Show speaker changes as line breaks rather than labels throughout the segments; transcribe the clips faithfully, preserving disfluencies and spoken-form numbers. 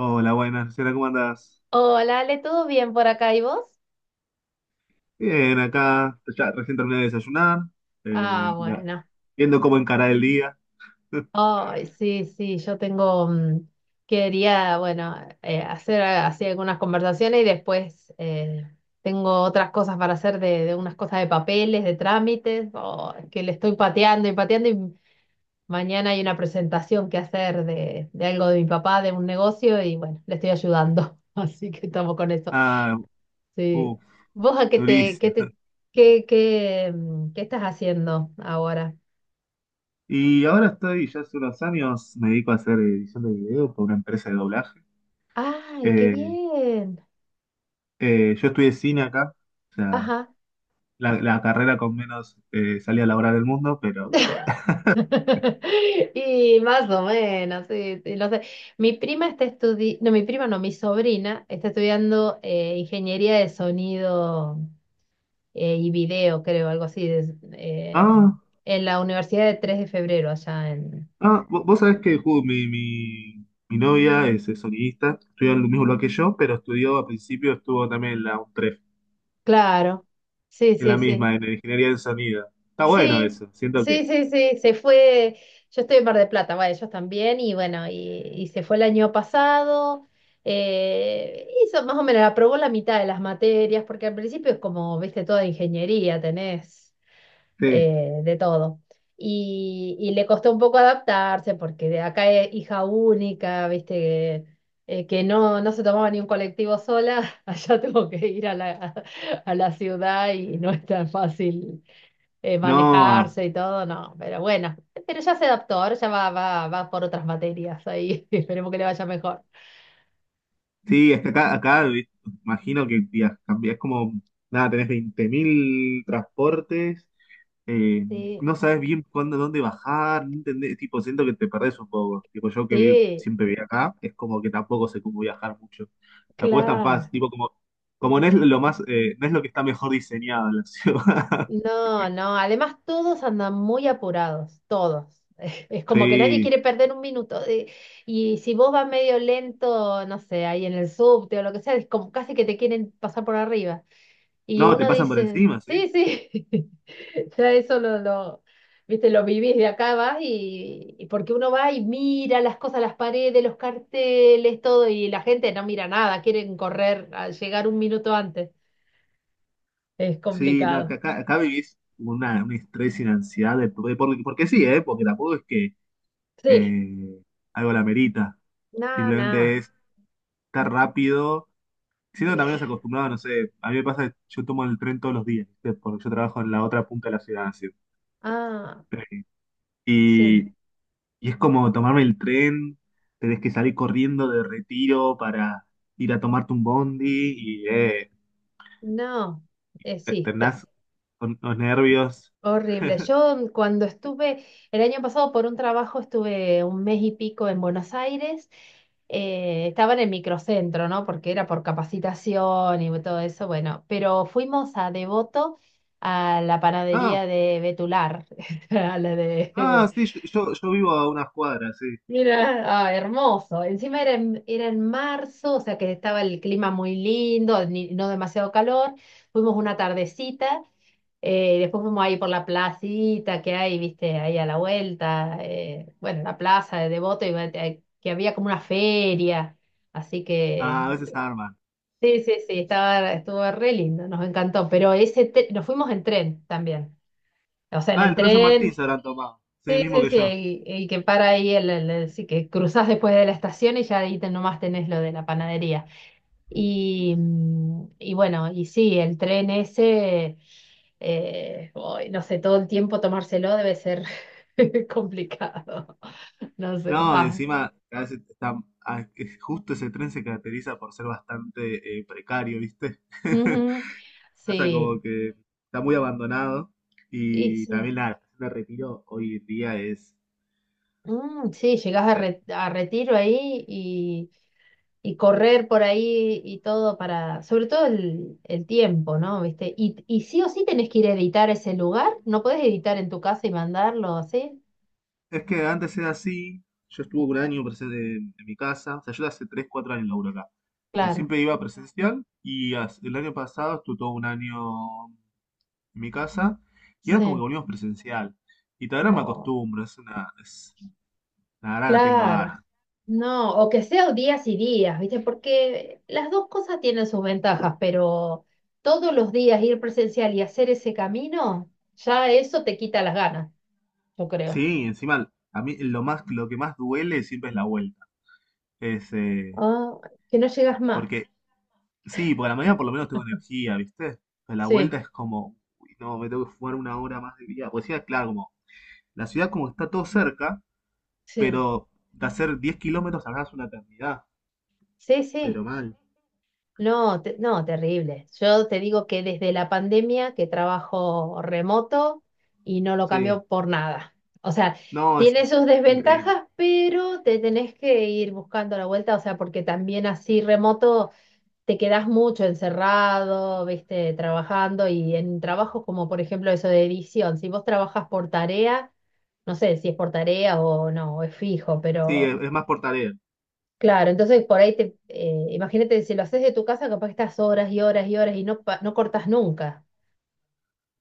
Hola, buenas, Luciana, ¿cómo andás?
Hola, Ale, ¿todo bien por acá? ¿Y vos?
Bien, acá, ya recién terminé de desayunar, eh,
Ah,
ya,
bueno.
viendo cómo encarar el día.
Ay, sí, sí, yo tengo, mm, quería, bueno, eh, hacer así algunas conversaciones, y después, eh, tengo otras cosas para hacer de, de unas cosas de papeles, de trámites. Oh, que le estoy pateando y pateando, y mañana hay una presentación que hacer de, de algo de mi papá, de un negocio, y bueno, le estoy ayudando, así que estamos con eso.
Ah,
Sí.
uff,
¿Vos a qué te, qué
durísimo.
te, qué, qué, mm, qué estás haciendo ahora?
Y ahora estoy, ya hace unos años, me dedico a hacer edición de video para una empresa de doblaje.
¡Ay, qué
Eh,
bien!
eh, yo estudié cine acá, o sea,
Ajá.
la, la carrera con menos eh, salida laboral del mundo, pero...
Y más o menos, sí, sí, lo sé. Mi prima está estudiando, no, mi prima no, mi sobrina está estudiando, eh, ingeniería de sonido, eh, y video, creo, algo así, de- eh,
Ah,
en la Universidad de Tres de Febrero, allá en...
ah, vo- vos sabés que ju, mi, mi, mi novia es eh, sonidista, estudió en el mismo lugar que yo, pero estudió, al principio estuvo también en la UNTREF.
Claro, sí,
Es la
sí, sí.
misma, en ingeniería del sonido. Está bueno
Sí,
eso, siento que.
sí, sí, sí, se fue, yo estoy en Mar del Plata, bueno, ellos también, y bueno, y, y se fue el año pasado. Eh, hizo más o menos, aprobó la mitad de las materias, porque al principio es como, viste, toda ingeniería tenés,
Sí.
eh, de todo. Y, y le costó un poco adaptarse porque de acá es hija única, viste, eh, que no, no se tomaba ni un colectivo sola. Allá tengo que ir a la, a la ciudad, y no es tan fácil eh,
No, ah,
manejarse y todo. No, pero bueno, pero ya se adaptó, ahora ya va, va, va por otras materias ahí. Esperemos que le vaya mejor.
sí, es que acá, acá vi- imagino que via- cambia- es como, nada, tenés veinte mil transportes, eh,
Sí,
no sabes bien cuándo, dónde bajar, no entendés, tipo, siento que te perdés un poco. Tipo, yo que vi-
sí,
siempre viví acá, es como que tampoco sé cómo viajar mucho. Tampoco es tan
claro.
fácil, tipo, como, como no es lo más, eh, no es lo que está mejor diseñado en la ciudad.
No, no, además todos andan muy apurados, todos. Es como que nadie
Sí.
quiere perder un minuto. eh, Y si vos vas medio lento, no sé, ahí en el subte o lo que sea, es como casi que te quieren pasar por arriba. Y
No, te
uno
pasan por
dice,
encima, sí.
sí, sí. Ya eso lo, lo, viste, lo vivís de acá, vas y, y porque uno va y mira las cosas, las paredes, los carteles, todo, y la gente no mira nada, quieren correr, a llegar un minuto antes. Es
Sí, no, acá,
complicado.
acá- acá vivís una, un estrés y una ansiedad, de- porque, porque- porque sí, ¿eh? Porque tampoco es que
Sí,
eh, algo la merita,
nada,
simplemente
nada.
es estar rápido, siendo que también nos acostumbrados, no sé, a mí me pasa que yo tomo el tren todos los días, ¿viste? Porque yo trabajo en la otra punta de la ciudad, así.
Ah,
Eh, Y,
sí.
y es como tomarme el tren, tenés que salir corriendo de Retiro para ir a tomarte un bondi y eh,
No, eh,
te-
sí, te-
terminás con los nervios.
horrible. Yo, mm, cuando estuve, el año pasado por un trabajo, estuve un mes y pico en Buenos Aires. eh, estaba en el microcentro, ¿no? Porque era por capacitación y todo eso, bueno, pero fuimos a Devoto, a la
No,
panadería de Betular, a la
ah,
de...
sí, yo, yo, yo vivo a unas cuadras, sí.
Mira, ah, hermoso. Encima era en, era en marzo, o sea que estaba el clima muy lindo, ni- no demasiado calor. Fuimos una tardecita, eh, después fuimos ahí por la placita que hay, viste, ahí a la vuelta, eh, bueno, la plaza de Devoto, y, va- eh, que había como una feria. Así
Ah, a veces
que
arman.
sí, sí, sí, estaba, estuvo re lindo, nos encantó. Pero ese, te- nos fuimos en tren también. O sea, en
Ah, el
el
tren San Martín
tren...
se habrán tomado. Sí, el
Sí,
mismo
sí,
que
sí,
yo.
y, y que para ahí, el, el- el- sí, que cruzas después de la estación, y ya ahí, te- nomás tenés lo de la panadería. Y, mm, y bueno, y sí, el tren ese, eh, uy, no sé, todo el tiempo tomárselo debe ser complicado. No sé,
No,
va.
encima, a veces está- ah, es- justo ese tren se caracteriza por ser bastante eh, precario, ¿viste?
Ujú,
Pasa como
sí,
que está muy abandonado
y
y
sí.
también la estación de Retiro hoy en día es,
Mm, sí,
no
llegás a,
sé.
Re- a Retiro ahí, y, y correr por ahí y todo, para, sobre todo el, el tiempo, ¿no? ¿Viste? Y, y sí o sí tenés que ir a editar ese lugar, no podés editar en tu casa y mandarlo así,
Es que antes era así, yo estuve un año presente en mi casa, o sea, yo hace tres, cuatro años laburo acá. Yo
claro,
siempre iba presencial y as- el año pasado estuve todo un año en mi casa y era como que
sí,
volvimos presencial. Y todavía no me
o
acostumbro, es una, es, la verdad no tengo
claro,
ganas.
no, o que sea días y días, ¿viste? Porque las dos cosas tienen sus ventajas, pero todos los días ir presencial y hacer ese camino, ya eso te quita las ganas, yo creo.
Sí, encima a mí lo más, lo que más duele siempre es la vuelta. Es, eh,
Ah, que no llegas
porque,
más.
sí, porque a la mañana por lo menos tengo energía, ¿viste? Pero la vuelta
Sí,
es como, uy, no, me tengo que fumar una hora más de día. Pues sí, claro, como la ciudad como que está todo cerca,
sí,
pero de hacer diez kilómetros hagas una eternidad.
sí, sí.
Pero mal.
No, te- no, terrible. Yo te digo que desde la pandemia que trabajo remoto, y no lo cambio
Sí.
por nada. O sea,
No, es
tiene
inc-
sus
increíble.
desventajas, pero te tenés que ir buscando la vuelta, o sea, porque también así remoto te quedás mucho encerrado, viste, trabajando, y en trabajos como por ejemplo eso de edición, si vos trabajas por tarea, no sé si es por tarea o no, o es fijo,
Sí,
pero...
es, es más por tarea.
Claro, entonces, por ahí te, eh, imagínate, si lo haces de tu casa, capaz que estás horas y horas y horas, y no, pa- no cortas nunca.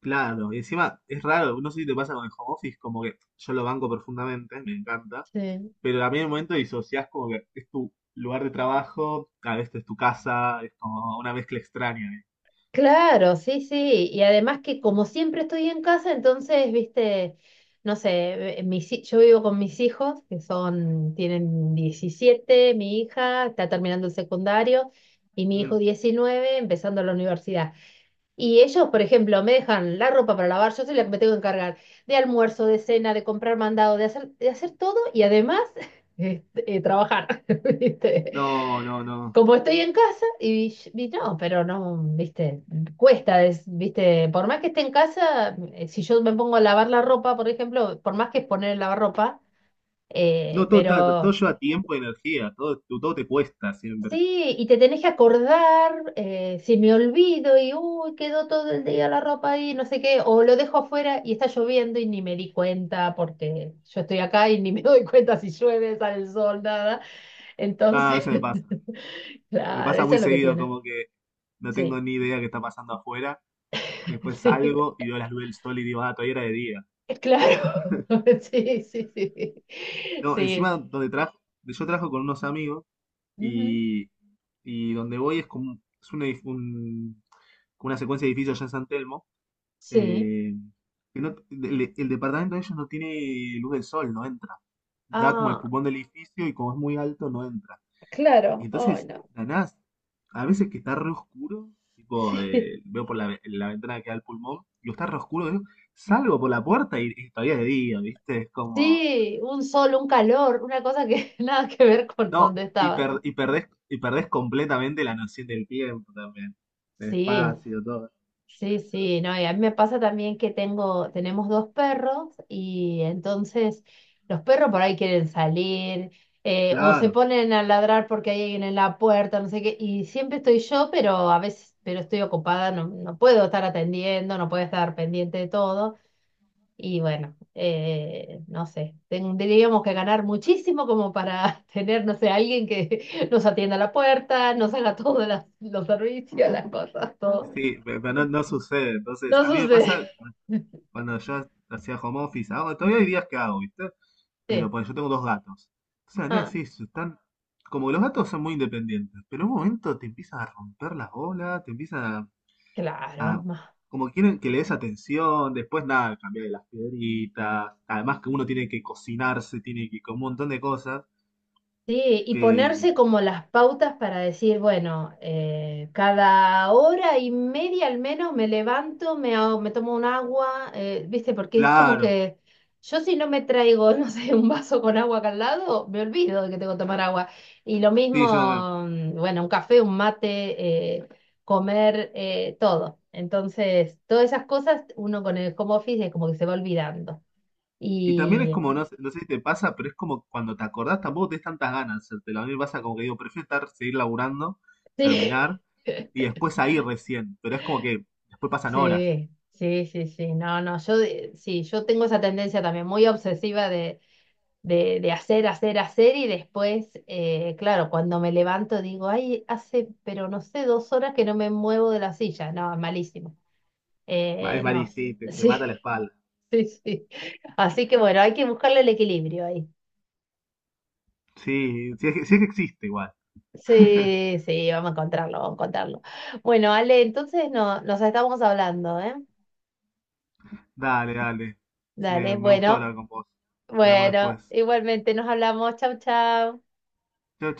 Claro. Y encima es raro. No sé si te pasa con el home office, como que yo lo banco profundamente, me encanta.
Sí.
Pero también en un momento disociás como que es tu lugar de trabajo, a veces es tu casa, es como una mezcla extraña. ¿Eh?
Claro, sí, sí. Y además, que como siempre estoy en casa, entonces, viste, no sé, eh, mis hi- yo vivo con mis hijos, que son, tienen diecisiete, mi hija está terminando el secundario, y mi hijo,
Mm,
diecinueve, empezando la universidad. Y ellos, por ejemplo, me dejan la ropa para lavar, yo soy la que me tengo que encargar de almuerzo, de cena, de comprar mandado, de hacer, de hacer todo, y además eh, eh, trabajar. ¿Viste?
no, no, no.
Como estoy en casa, y, y no, pero no, ¿viste? Cuesta, es- ¿viste? Por más que esté en casa, eh, si yo me pongo a lavar la ropa, por ejemplo, por más que es poner el lavarropa, eh,
No, todo, ta- todo
pero...
lleva tiempo y energía, todo, todo te cuesta siempre.
Sí, y te tenés que acordar, eh, si me olvido, y uy, quedó todo el día la ropa ahí, no sé qué, o lo dejo afuera y está lloviendo y ni me di cuenta, porque yo estoy acá y ni me doy cuenta si llueve, sale el sol, nada.
Ah, a
Entonces,
veces me pasa. Me
claro,
pasa
eso
muy
es lo que
seguido,
tiene.
como que no tengo
Sí,
ni idea qué está pasando afuera. Después
sí,
salgo y veo las luces del sol y digo, ah, todavía era de día.
claro. Sí, sí, sí.
No, encima
Sí.
donde trajo, yo trabajo con unos amigos
Ujú.
y, y donde voy es como un- es un edif- un- como una secuencia de edificios allá en San Telmo.
Sí.
eh, que no- el, el departamento de ellos no tiene luz del sol, no entra. Da como el
Ah,
pulmón del edificio y como es muy alto, no entra. Y
claro. Ay,
entonces,
no.
la a veces que está re oscuro, tipo, eh, veo por la, ve- la ventana que da al pulmón, y está re oscuro, digo, salgo por la puerta y, y todavía es de día, ¿viste? Es como,
Sí, un sol, un calor, una cosa que nada que ver con
no,
donde
y,
estaba.
per- y, perdés, y perdés completamente la noción del tiempo también, del
Sí,
espacio, todo.
sí, sí, no, y a mí me pasa también que tengo, tenemos dos perros, y entonces los perros por ahí quieren salir, eh, o se
Claro,
ponen a ladrar porque hay alguien en la puerta, no sé qué, y siempre estoy yo, pero a veces, pero estoy ocupada, no, no puedo estar atendiendo, no puedo estar pendiente de todo. Y bueno, eh, no sé, tendríamos que ganar muchísimo como para tener, no sé, alguien que nos atienda a la puerta, nos haga todos las- los servicios, las cosas, todo.
sí, pe- pero no, no sucede. Entonces,
No
a mí me
sucede.
pasa cuando yo hacía home office, hago- todavía hay días que hago, ¿viste? Pero
Sí.
por yo tengo dos gatos. Entonces, nada,
Ah,
sí, están. Como que los gatos son muy independientes, pero en un momento te empiezan a romper las bolas, te empiezan a.
claro.
a- como quieren que le des atención, después nada, cambiar de las piedritas, además que uno tiene que cocinarse, tiene que con un montón de cosas,
Sí, y ponerse
que
como las pautas para decir, bueno, eh, cada hora y media al menos me levanto, me, hago- me tomo un agua, eh, ¿viste? Porque es como
claro,
que yo, si no me traigo, no sé, un vaso con agua acá al lado, me olvido de que tengo que tomar agua. Y lo
sí, yo también.
mismo, mm, bueno, un café, un mate, eh, comer, eh, todo. Entonces, todas esas cosas, uno con el home office, es como que se va olvidando.
Y también es
Y
como, no, sé- no sé si te pasa, pero es como cuando te acordás tampoco tenés tantas ganas de hacértelo. A mí me pasa como que digo, prefiero estar, seguir laburando,
sí.
terminar, y después ahí recién, pero es como que después pasan horas.
Sí, sí, sí, sí. No, no, yo de- sí, yo tengo esa tendencia también muy obsesiva de, de, de hacer, hacer, hacer, y después, eh, claro, cuando me levanto digo, ay, hace, pero no sé, dos horas que no me muevo de la silla. No, es malísimo.
Ma- Es
Eh, no,
varicita, te, te
sí,
mata la espalda.
sí, sí. Así que bueno, hay que buscarle el equilibrio ahí.
Sí, sí es que, sí es que existe igual.
Sí, sí, vamos a encontrarlo, vamos a encontrarlo. Bueno, Ale, entonces no, nos estamos hablando, ¿eh?
Dale, dale.
Dale,
Me, me gustó
bueno.
hablar con vos. Hablamos
Bueno,
después.
igualmente nos hablamos. Chau, chau.
Chao, chao.